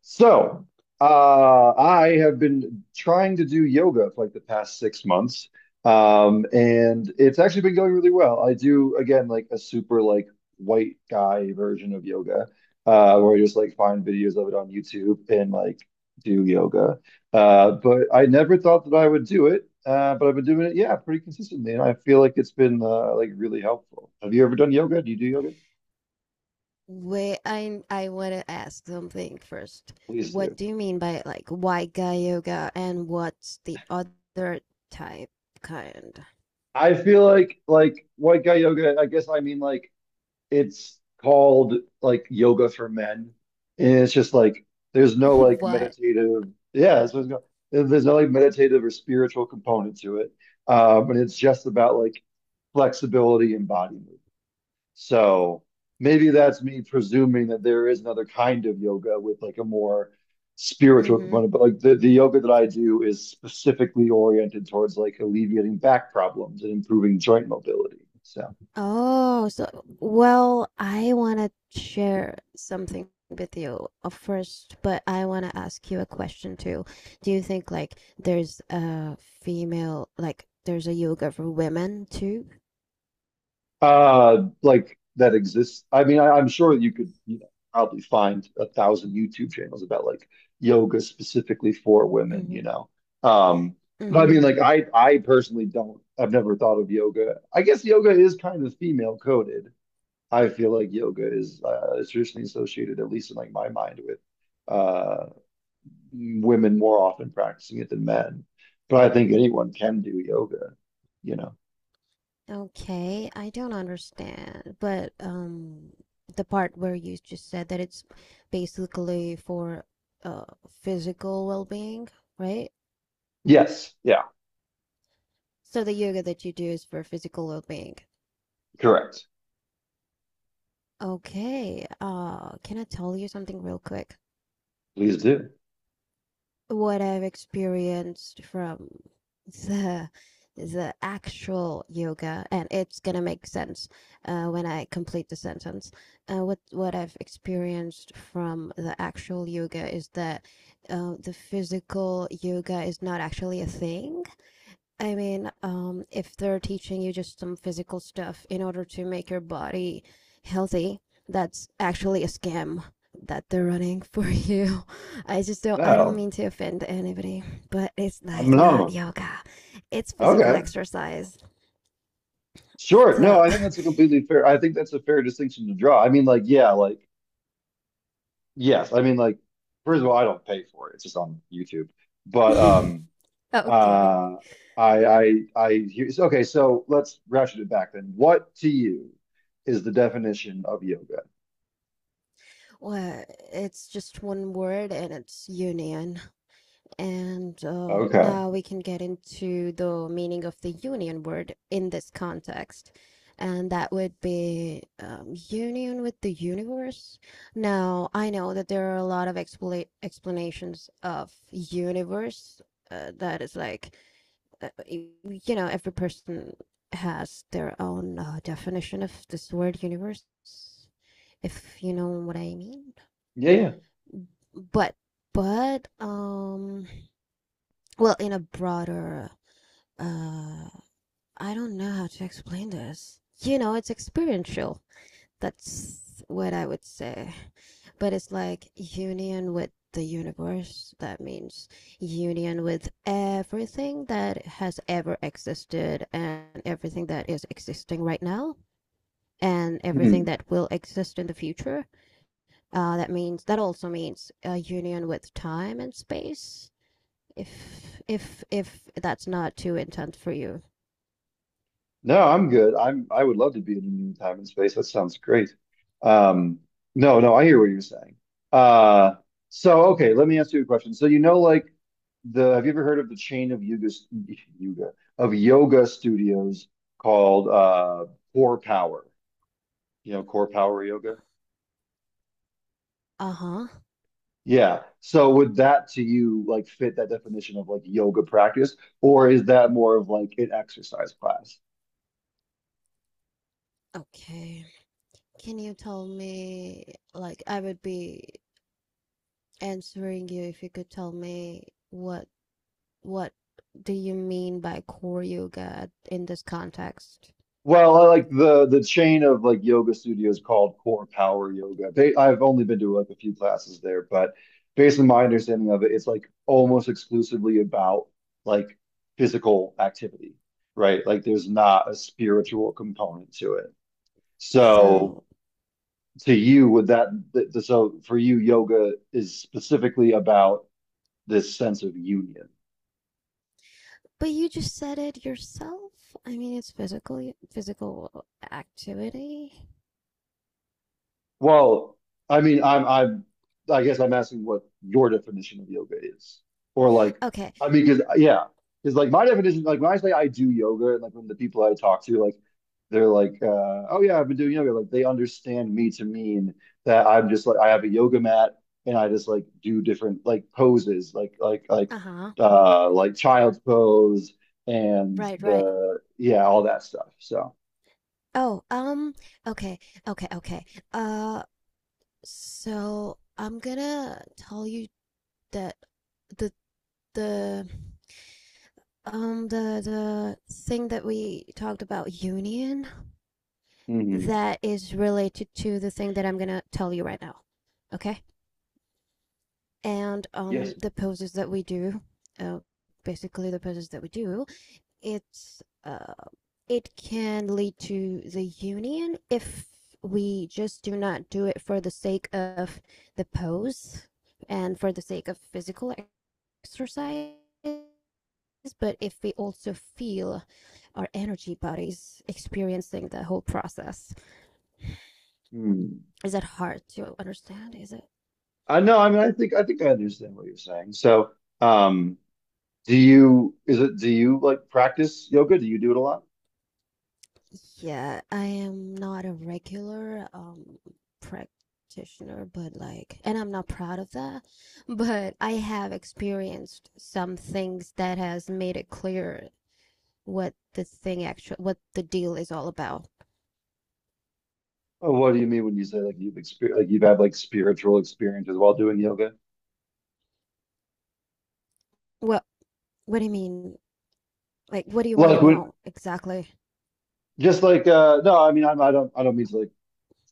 So, I have been trying to do yoga for like the past 6 months, and it's actually been going really well. I do again like a super like white guy version of yoga, where I just like find videos of it on YouTube and like do yoga. But I never thought that I would do it, but I've been doing it, yeah, pretty consistently, and I feel like it's been like really helpful. Have you ever done yoga? Do you do yoga? Wait, I want to ask something first. Please do. What do you mean by like white guy yoga, and what's the other type kind? I feel like white guy yoga, I guess I mean like it's called like yoga for men, and it's just like there's no like What? meditative. Yeah, that's what it's. There's no like meditative or spiritual component to it, and it's just about like flexibility and body movement. So maybe that's me presuming that there is another kind of yoga with like a more spiritual Mm-hmm. component, but like the yoga that I do is specifically oriented towards like alleviating back problems and improving joint mobility. So Oh, so well, I wanna share something with you first, but I wanna ask you a question too. Do you think like there's a female, like there's a yoga for women too? Like that exists. I mean, I'm sure you could, you know, probably find a thousand YouTube channels about like yoga specifically for women, Mm-hmm. you know. Um, but I mean, Mm-hmm. like I personally don't. I've never thought of yoga. I guess yoga is kind of female coded. I feel like yoga is traditionally associated, at least in like my mind, with uh, women more often practicing it than men. But I think anyone can do yoga, you know. Okay, I don't understand. But the part where you just said that it's basically for uh physical well-being, right? Yes, yeah, So the yoga that you do is for physical well-being. correct. Okay. Can I tell you something real quick? Please do. What I've experienced from the the actual yoga, and it's gonna make sense when I complete the sentence. What I've experienced from the actual yoga is that the physical yoga is not actually a thing. I mean, if they're teaching you just some physical stuff in order to make your body healthy, that's actually a scam that they're running for you. I just don't, I don't No, mean to offend anybody, but it's I'm like not no. yoga. It's physical Okay. exercise. Sure. No, So I think that's a completely fair. I think that's a fair distinction to draw. I mean, like, yeah, like, yes. I mean, like, first of all, I don't pay for it. It's just on YouTube. But okay. uh I hear okay, so let's ratchet it back then. What to you is the definition of yoga? Well, it's just one word, and it's union. And Okay. now we can get into the meaning of the union word in this context. And that would be, union with the universe. Now, I know that there are a lot of explanations of universe, that is like, uh, you know, every person has their own, definition of this word universe, if you know what I mean. Yeah, yeah. But, but, well, in a broader, uh, I don't know how to explain this. You know, it's experiential. That's what I would say. But it's like union with the universe. That means union with everything that has ever existed, and everything that is existing right now, and everything Hmm. that will exist in the future. That means, that also means a union with time and space, if that's not too intense for you. No, I'm good. I would love to be in time and space. That sounds great. Um, no, no, I hear what you're saying. Uh, so okay, let me ask you a question. So you know, like the have you ever heard of the chain of yoga yoga studios called Core Power? You know, Core Power Yoga. Uh-huh. Yeah. So would that to you like fit that definition of like yoga practice, or is that more of like an exercise class? Okay. Can you tell me, like I would be answering you if you could tell me what do you mean by core yoga in this context? Well, I like the chain of like yoga studios called Core Power Yoga. They, I've only been to like a few classes there, but based on my understanding of it, it's like almost exclusively about like physical activity, right? Like there's not a spiritual component to it. So So, to you, would that for you, yoga is specifically about this sense of union. but you just said it yourself. I mean, it's physical activity. Well, I mean, I guess I'm asking what your definition of yoga is, or like, Okay, I mean, because yeah, because like my definition, like when I say I do yoga, and like when the people I talk to, like they're like, oh yeah, I've been doing yoga. Like they understand me to mean that I'm just like I have a yoga mat and I just like do different like poses, uh-huh. Like child's pose and Right, right. the yeah all that stuff. So Oh, okay, okay, okay. Uh, so I'm gonna tell you that the the the thing that we talked about union, mhm. that is related to the thing that I'm gonna tell you right now. Okay? And Yes. The poses that we do, uh, basically the poses that we do it's it can lead to the union if we just do not do it for the sake of the pose and for the sake of physical exercise, but if we also feel our energy bodies experiencing the whole process. Hmm. Is that hard to understand, is it? I know. I mean, I think I understand what you're saying. So, um, do you like practice yoga? Do you do it a lot? Yeah, I am not a regular practitioner, but like, and I'm not proud of that, but I have experienced some things that has made it clear what the thing actually, what the deal is all about. Or what do you mean when you say like you've experienced like you've had like spiritual experiences while doing yoga? What what do you mean? Like, what do you want to Like when know exactly? just like no, I mean I don't mean to like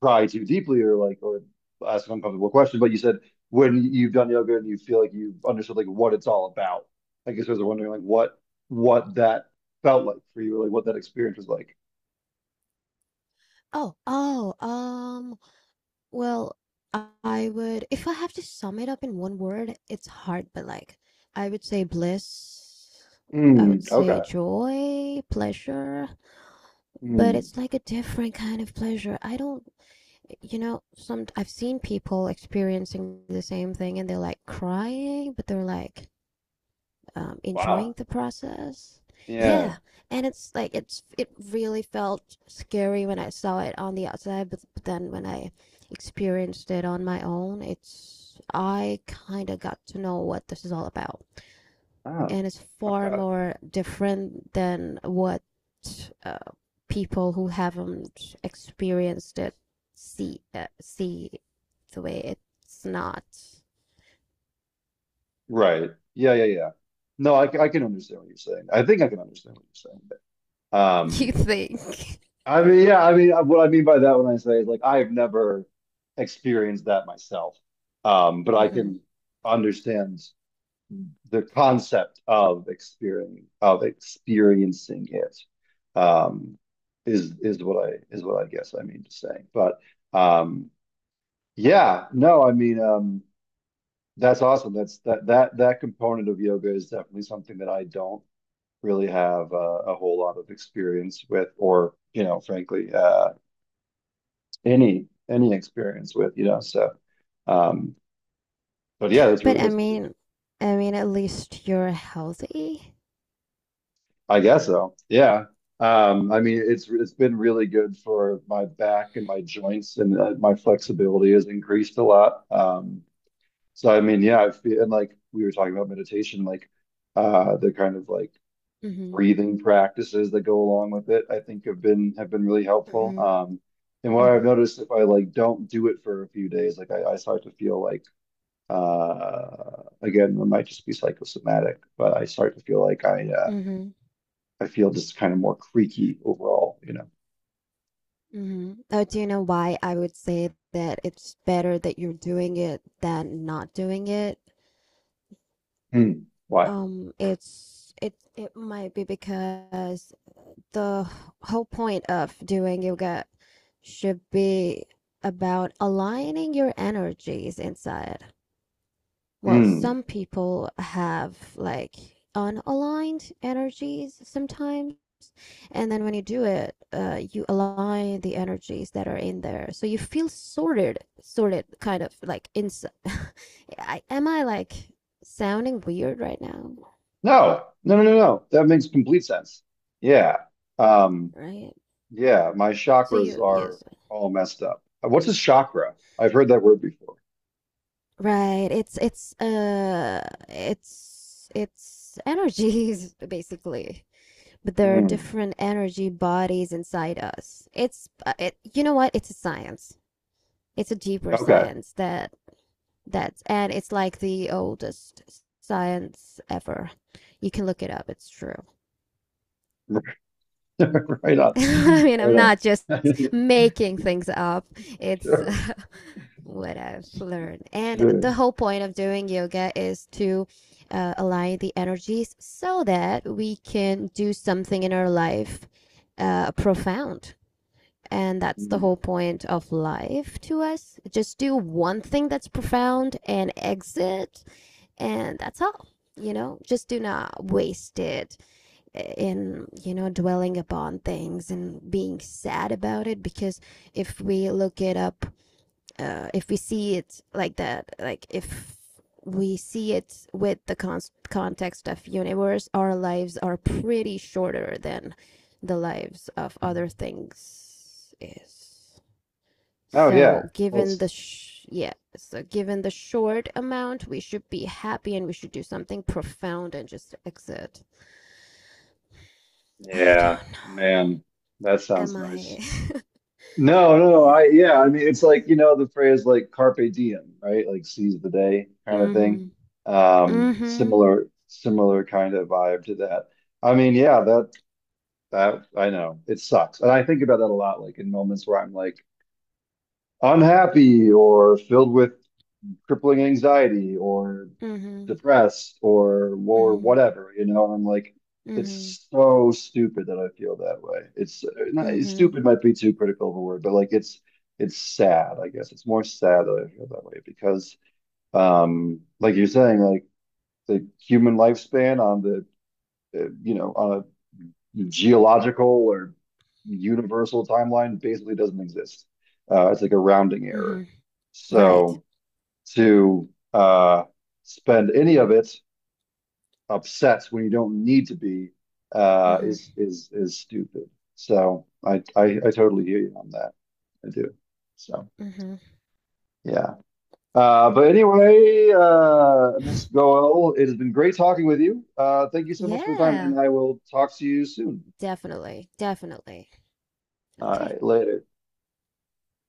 pry too deeply or like or ask an uncomfortable question, but you said when you've done yoga and you feel like you've understood like what it's all about. I guess I was wondering like what that felt like for you, like what that experience was like. Oh, oh, well, I would, if I have to sum it up in one word, it's hard, but like, I would say bliss. I Mm, would say okay. joy, pleasure, but Mm, it's like a different kind of pleasure. I don't, you know, some I've seen people experiencing the same thing and they're like crying, but they're like, wow. enjoying the process. Yeah, Yeah. and it's like, it's it really felt scary when I saw it on the outside, but then when I experienced it on my own, it's, I kind of got to know what this is all about, Oh. and it's far Okay. more different than what, uh, people who haven't experienced it see the way it's not. Right. Yeah, yeah, yeah. No, I can understand what you're saying. I think I can understand what you're saying. You Um, think? I mean, yeah, I mean, what I mean by that when I say is like I've never experienced that myself. But I Mm-hmm. can understand the concept of experiencing it. Um, is what I guess I mean to say. But um, yeah, no, I mean, that's awesome. That's that that That component of yoga is definitely something that I don't really have a whole lot of experience with, or you know, frankly, any experience with. You know, so um, but yeah, But that's really, I mean, at least you're healthy. I guess so. Yeah. I mean, it's been really good for my back and my joints, and my flexibility has increased a lot. So I mean, yeah, I feel and like we were talking about meditation, like the kind of like Mm-hmm. breathing practices that go along with it, I think have been really helpful. Mm-hmm. And what Mm-hmm. I've noticed if I like don't do it for a few days, like I start to feel like again, it might just be psychosomatic, but I start to feel like Mm-hmm. I feel just kind of more creaky overall, you know. Mm-hmm. Oh, do you know why I would say that it's better that you're doing it than not doing it? Hmm. Why? It it might be because the whole point of doing yoga should be about aligning your energies inside. Well, Hmm. some people have like unaligned energies sometimes. And then when you do it, you align the energies that are in there. So you feel sorted, sorted kind of like inside. I, am I like sounding weird right now? No, no, no, no, no. That makes complete sense. Yeah. Um, Right. yeah, my So chakras you, are yes, all messed up. What's a chakra? I've heard that word before. right. It's it's energies basically. But there are Hmm. different energy bodies inside us. It's, it, you know what? It's a science. It's a deeper Okay. science that, that's, and it's like the oldest science ever. You can look it up. It's true. Right on. I mean, Right I'm not just on. making things up. It's Sure. What I've learned. And Sure. the whole point of doing yoga is to align the energies so that we can do something in our life profound. And that's the Mm. whole point of life to us. Just do one thing that's profound and exit, and that's all. You know, just do not waste it in, you know, dwelling upon things and being sad about it because if we look it up, if we see it like that, like if we see it with the context of universe, our lives are pretty shorter than the lives of other things is, Oh, yeah. so given the That's, yeah, so given the short amount, we should be happy and we should do something profound and just exit. I yeah, don't know. man, that Am sounds nice. I? No, no, no. I, yeah, I Yeah. mean, it's like, you know, the phrase like carpe diem, right? Like seize the day kind of thing. Mhm. Mhm. Similar kind of vibe to that. I mean, yeah, that, I know it sucks. And I think about that a lot, like in moments where I'm like unhappy or filled with crippling anxiety or Mhm. depressed or Mhm. whatever, you know. And I'm like, Mhm. it's so stupid that I feel that way. It's not Mhm. stupid might be too critical of a word, but it's sad, I guess. It's more sad that I feel that way because, like you're saying, like the human lifespan on the you know on a geological or universal timeline basically doesn't exist. It's like a rounding error. Mhm. Right. So to uh, spend any of it upsets when you don't need to be Mhm. Is stupid. So I totally hear you on that. I do. So Mhm. yeah. But anyway, Miss Goel, it has been great talking with you. Thank you so much for the time, Yeah. and I will talk to you soon. Definitely. Definitely. All Okay. right, later.